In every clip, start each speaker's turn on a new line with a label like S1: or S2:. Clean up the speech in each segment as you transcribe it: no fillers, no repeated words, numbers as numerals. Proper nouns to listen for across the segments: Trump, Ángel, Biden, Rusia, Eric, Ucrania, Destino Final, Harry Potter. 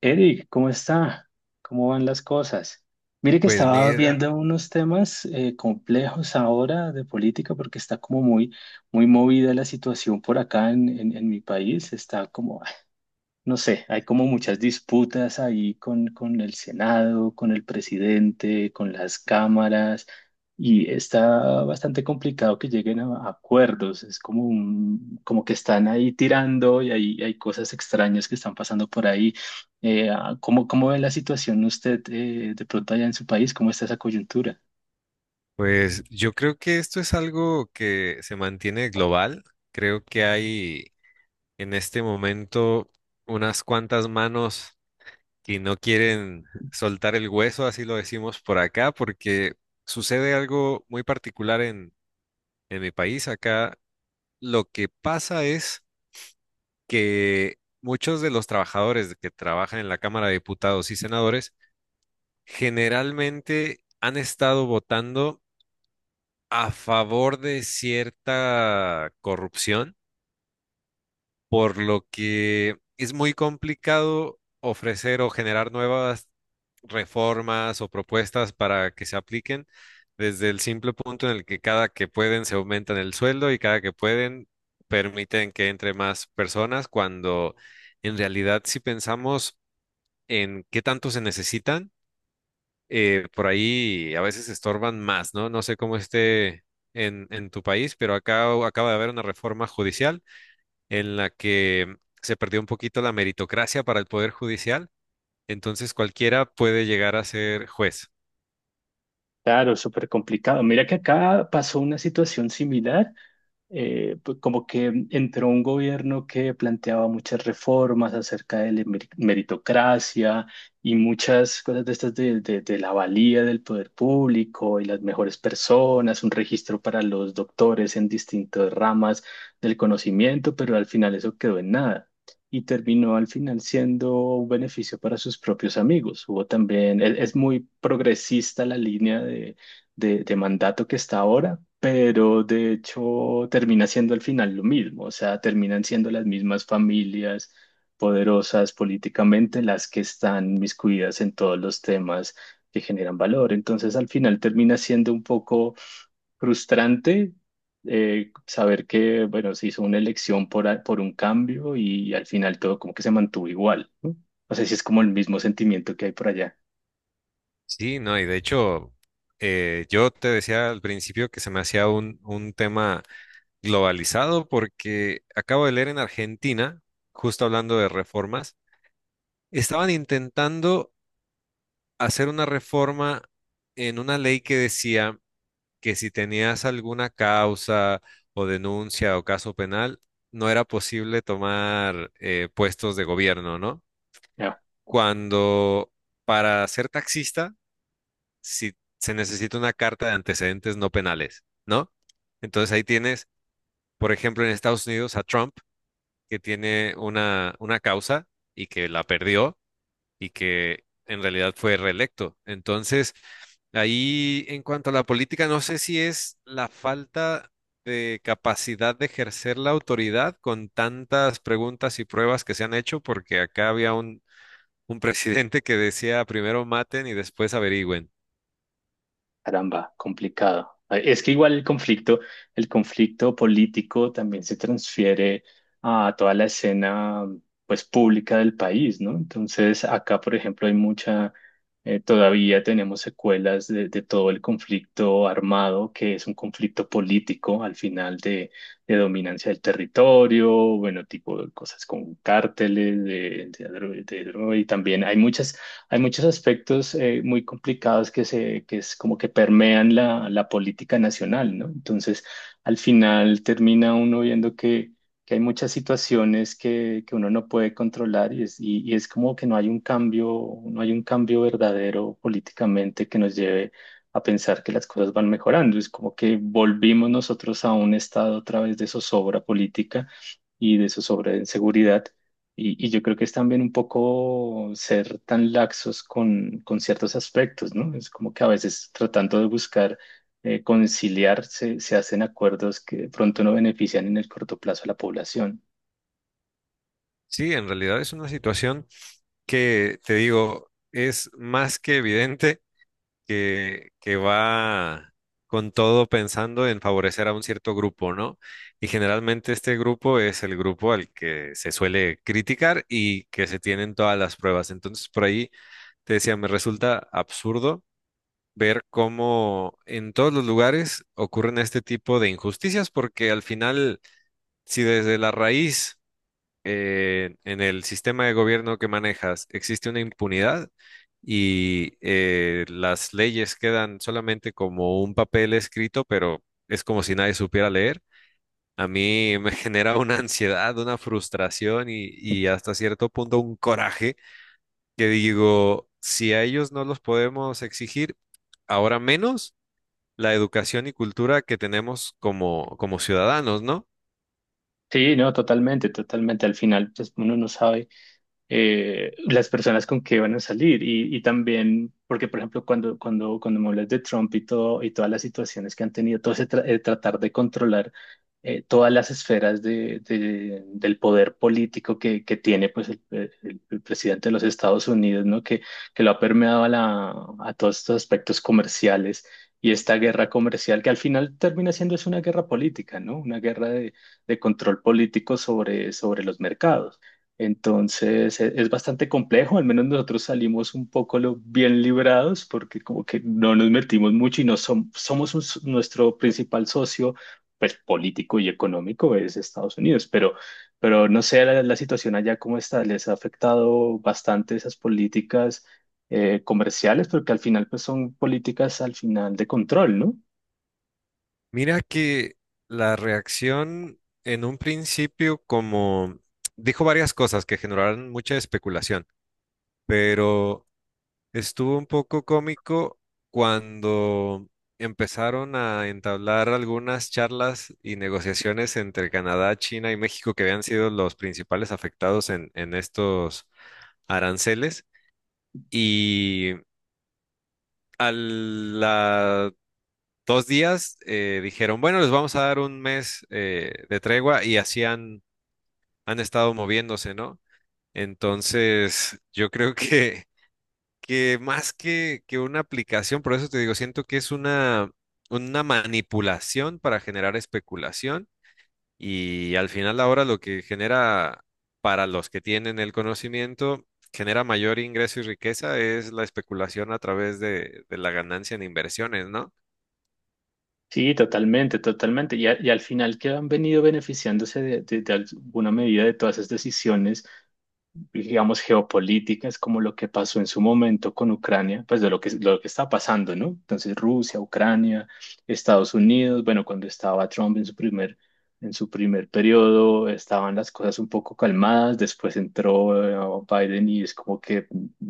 S1: Eric, ¿cómo está? ¿Cómo van las cosas? Mire que
S2: Pues
S1: estaba
S2: mira,
S1: viendo unos temas complejos ahora de política porque está como muy movida la situación por acá en mi país. Está como, no sé, hay como muchas disputas ahí con el Senado, con el presidente, con las cámaras, y está bastante complicado que lleguen a acuerdos. Es como, como que están ahí tirando y hay cosas extrañas que están pasando por ahí. Cómo ve la situación usted de pronto allá en su país? ¿Cómo está esa coyuntura?
S2: pues yo creo que esto es algo que se mantiene global. Creo que hay en este momento unas cuantas manos que no quieren soltar el hueso, así lo decimos por acá, porque sucede algo muy particular en mi país. Acá lo que pasa es que muchos de los trabajadores que trabajan en la Cámara de Diputados y Senadores generalmente han estado votando a favor de cierta corrupción, por lo que es muy complicado ofrecer o generar nuevas reformas o propuestas para que se apliquen desde el simple punto en el que cada que pueden se aumentan el sueldo y cada que pueden permiten que entre más personas, cuando en realidad si pensamos en qué tanto se necesitan, por ahí a veces estorban más, ¿no? No sé cómo esté en tu país, pero acá acaba de haber una reforma judicial en la que se perdió un poquito la meritocracia para el poder judicial, entonces cualquiera puede llegar a ser juez.
S1: Claro, súper complicado. Mira que acá pasó una situación similar. Pues como que entró un gobierno que planteaba muchas reformas acerca de la meritocracia y muchas cosas de estas de la valía del poder público y las mejores personas, un registro para los doctores en distintas ramas del conocimiento, pero al final eso quedó en nada. Y terminó al final siendo un beneficio para sus propios amigos. Hubo también, es muy progresista la línea de mandato que está ahora, pero de hecho termina siendo al final lo mismo, o sea, terminan siendo las mismas familias poderosas políticamente las que están miscuidas en todos los temas que generan valor. Entonces, al final termina siendo un poco frustrante. Saber que, bueno, se hizo una elección por un cambio y, al final todo como que se mantuvo igual, ¿no? No sé si es como el mismo sentimiento que hay por allá.
S2: Sí, no, y de hecho, yo te decía al principio que se me hacía un tema globalizado porque acabo de leer en Argentina, justo hablando de reformas, estaban intentando hacer una reforma en una ley que decía que si tenías alguna causa o denuncia o caso penal, no era posible tomar puestos de gobierno, ¿no? Cuando para ser taxista, si se necesita una carta de antecedentes no penales, ¿no? Entonces ahí tienes, por ejemplo, en Estados Unidos a Trump, que tiene una causa y que la perdió y que en realidad fue reelecto. Entonces, ahí en cuanto a la política, no sé si es la falta de capacidad de ejercer la autoridad con tantas preguntas y pruebas que se han hecho, porque acá había un presidente que decía primero maten y después averigüen.
S1: Caramba, complicado. Es que igual el conflicto político también se transfiere a toda la escena, pues, pública del país, ¿no? Entonces, acá, por ejemplo, hay mucha, todavía tenemos secuelas de todo el conflicto armado, que es un conflicto político al final de dominancia del territorio, bueno, tipo de cosas con cárteles, de droga, y también hay muchas hay muchos aspectos muy complicados que que es como que permean la política nacional, ¿no? Entonces, al final termina uno viendo que hay muchas situaciones que uno no puede controlar y y es como que no hay un cambio, no hay un cambio verdadero políticamente que nos lleve a pensar que las cosas van mejorando. Es como que volvimos nosotros a un estado otra vez de zozobra política y de zozobra de inseguridad y yo creo que es también un poco ser tan laxos con ciertos aspectos, ¿no? Es como que a veces tratando de buscar conciliar se hacen acuerdos que de pronto no benefician en el corto plazo a la población.
S2: Sí, en realidad es una situación que, te digo, es más que evidente que va con todo pensando en favorecer a un cierto grupo, ¿no? Y generalmente este grupo es el grupo al que se suele criticar y que se tienen todas las pruebas. Entonces, por ahí te decía, me resulta absurdo ver cómo en todos los lugares ocurren este tipo de injusticias, porque al final, si desde la raíz en el sistema de gobierno que manejas existe una impunidad y las leyes quedan solamente como un papel escrito, pero es como si nadie supiera leer. A mí me genera una ansiedad, una frustración y hasta cierto punto un coraje que digo, si a ellos no los podemos exigir, ahora menos la educación y cultura que tenemos como, como ciudadanos, ¿no?
S1: Sí, no, totalmente, totalmente. Al final, pues uno no sabe. Las personas con que van a salir y también, porque por ejemplo, cuando me hablas de Trump y todo, y todas las situaciones que han tenido, todo ese tratar de controlar todas las esferas del poder político que tiene pues el presidente de los Estados Unidos, ¿no? Que lo ha permeado a todos estos aspectos comerciales. Y esta guerra comercial que al final termina siendo es una guerra política, ¿no? Una guerra de control político sobre los mercados. Entonces es bastante complejo, al menos nosotros salimos un poco bien librados porque como que no nos metimos mucho y no som- somos nuestro principal socio pues político y económico es Estados Unidos, pero no sé la situación allá cómo está, les ha afectado bastante esas políticas comerciales porque al final pues son políticas al final de control, ¿no?
S2: Mira que la reacción en un principio como dijo varias cosas que generaron mucha especulación, pero estuvo un poco cómico cuando empezaron a entablar algunas charlas y negociaciones entre Canadá, China y México que habían sido los principales afectados en estos aranceles y a la dos días, dijeron, bueno, les vamos a dar un mes de tregua y así han estado moviéndose, ¿no? Entonces, yo creo que más que una aplicación, por eso te digo, siento que es una manipulación para generar especulación y al final ahora lo que genera para los que tienen el conocimiento genera mayor ingreso y riqueza es la especulación a través de la ganancia en inversiones, ¿no?
S1: Sí, totalmente, totalmente. Y y al final que han venido beneficiándose de alguna medida de todas esas decisiones digamos, geopolíticas, como lo que pasó en su momento con Ucrania, pues de lo que está pasando, ¿no? Entonces, Rusia, Ucrania, Estados Unidos, bueno, cuando estaba Trump en su primer periodo, estaban las cosas un poco calmadas, después entró Biden y es como que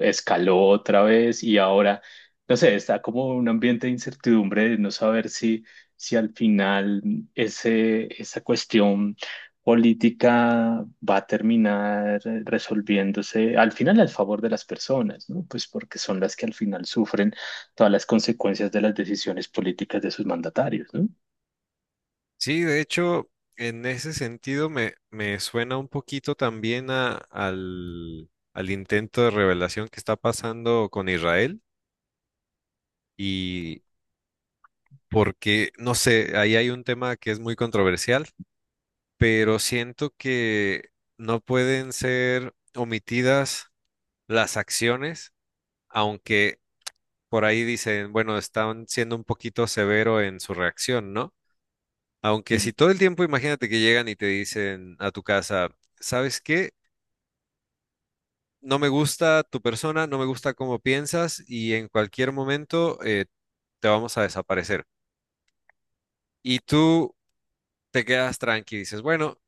S1: escaló otra vez y ahora, no sé, está como un ambiente de incertidumbre de no saber si, si al final ese, esa cuestión política va a terminar resolviéndose al final al favor de las personas, ¿no? Pues porque son las que al final sufren todas las consecuencias de las decisiones políticas de sus mandatarios, ¿no?
S2: Sí, de hecho, en ese sentido me, me suena un poquito también al intento de revelación que está pasando con Israel y porque, no sé, ahí hay un tema que es muy controversial, pero siento que no pueden ser omitidas las acciones, aunque por ahí dicen, bueno, están siendo un poquito severo en su reacción, ¿no? Aunque
S1: Mm.
S2: si todo el tiempo imagínate que llegan y te dicen a tu casa, ¿sabes qué? No me gusta tu persona, no me gusta cómo piensas y en cualquier momento te vamos a desaparecer. Y tú te quedas tranqui, dices, bueno,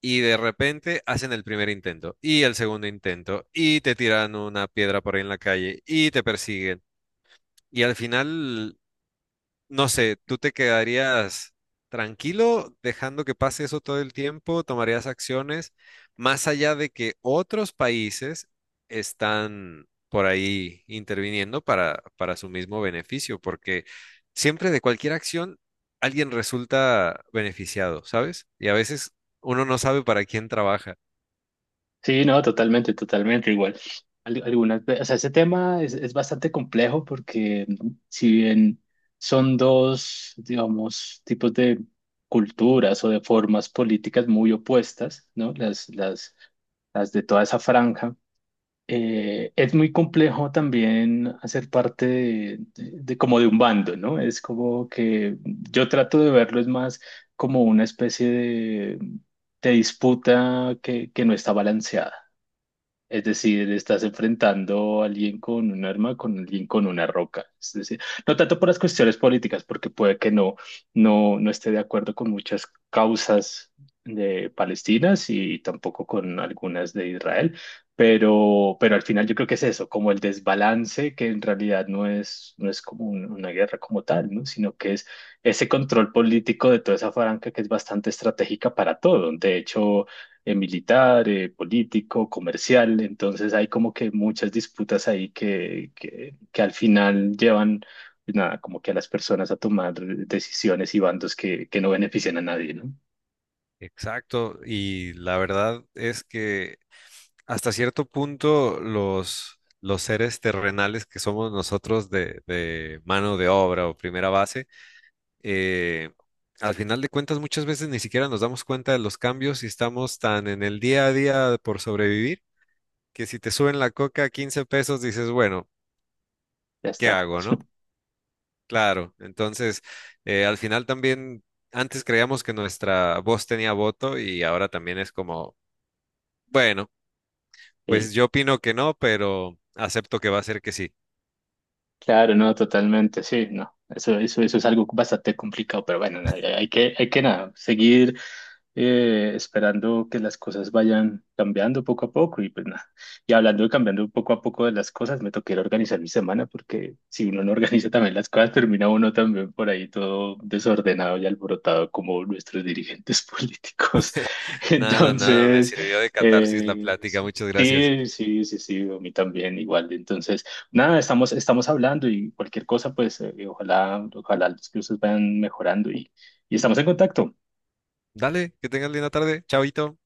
S2: y de repente hacen el primer intento y el segundo intento y te tiran una piedra por ahí en la calle y te persiguen. Y al final no sé, ¿tú te quedarías tranquilo dejando que pase eso todo el tiempo? ¿Tomarías acciones más allá de que otros países están por ahí interviniendo para su mismo beneficio? Porque siempre de cualquier acción alguien resulta beneficiado, ¿sabes? Y a veces uno no sabe para quién trabaja.
S1: Sí, no, totalmente, totalmente igual. Algunas, o sea, ese tema es bastante complejo porque si bien son dos, digamos, tipos de culturas o de formas políticas muy opuestas, ¿no? Las de toda esa franja es muy complejo también hacer parte de como de un bando, ¿no? Es como que yo trato de verlo es más como una especie de disputa que no está balanceada. Es decir, estás enfrentando a alguien con un arma, con alguien con una roca. Es decir, no tanto por las cuestiones políticas, porque puede que no esté de acuerdo con muchas causas de palestinas y tampoco con algunas de Israel, pero al final yo creo que es eso, como el desbalance que en realidad no es, no es como una guerra como tal, ¿no? Sino que es ese control político de toda esa franja que es bastante estratégica para todo. De hecho, militar, político, comercial. Entonces hay como que muchas disputas ahí que al final llevan, pues, nada, como que a las personas a tomar decisiones y bandos que no benefician a nadie, ¿no?
S2: Exacto, y la verdad es que hasta cierto punto los seres terrenales que somos nosotros de mano de obra o primera base, eh, al final de cuentas muchas veces ni siquiera nos damos cuenta de los cambios y estamos tan en el día a día por sobrevivir que si te suben la coca a 15 pesos dices, bueno,
S1: Ya
S2: ¿qué
S1: está.
S2: hago, no? Claro, entonces al final también antes creíamos que nuestra voz tenía voto y ahora también es como... Bueno,
S1: Eh,
S2: pues yo opino que no, pero acepto que va a ser que sí.
S1: Claro, no, totalmente, sí, no. Eso es algo bastante complicado, pero bueno, hay que nada, seguir esperando que las cosas vayan cambiando poco a poco y pues nada. Y hablando de cambiando poco a poco de las cosas, me toqué ir a organizar mi semana porque si uno no organiza también las cosas, termina uno también por ahí todo desordenado y alborotado como nuestros dirigentes políticos.
S2: Nada, nada, me
S1: Entonces,
S2: sirvió de catarsis la plática.
S1: sí,
S2: Muchas gracias.
S1: sí, a mí también igual. Entonces... Nada, estamos, estamos hablando y cualquier cosa, pues ojalá, ojalá las cosas vayan mejorando y estamos en contacto.
S2: Dale, que tengas linda tarde. Chaito.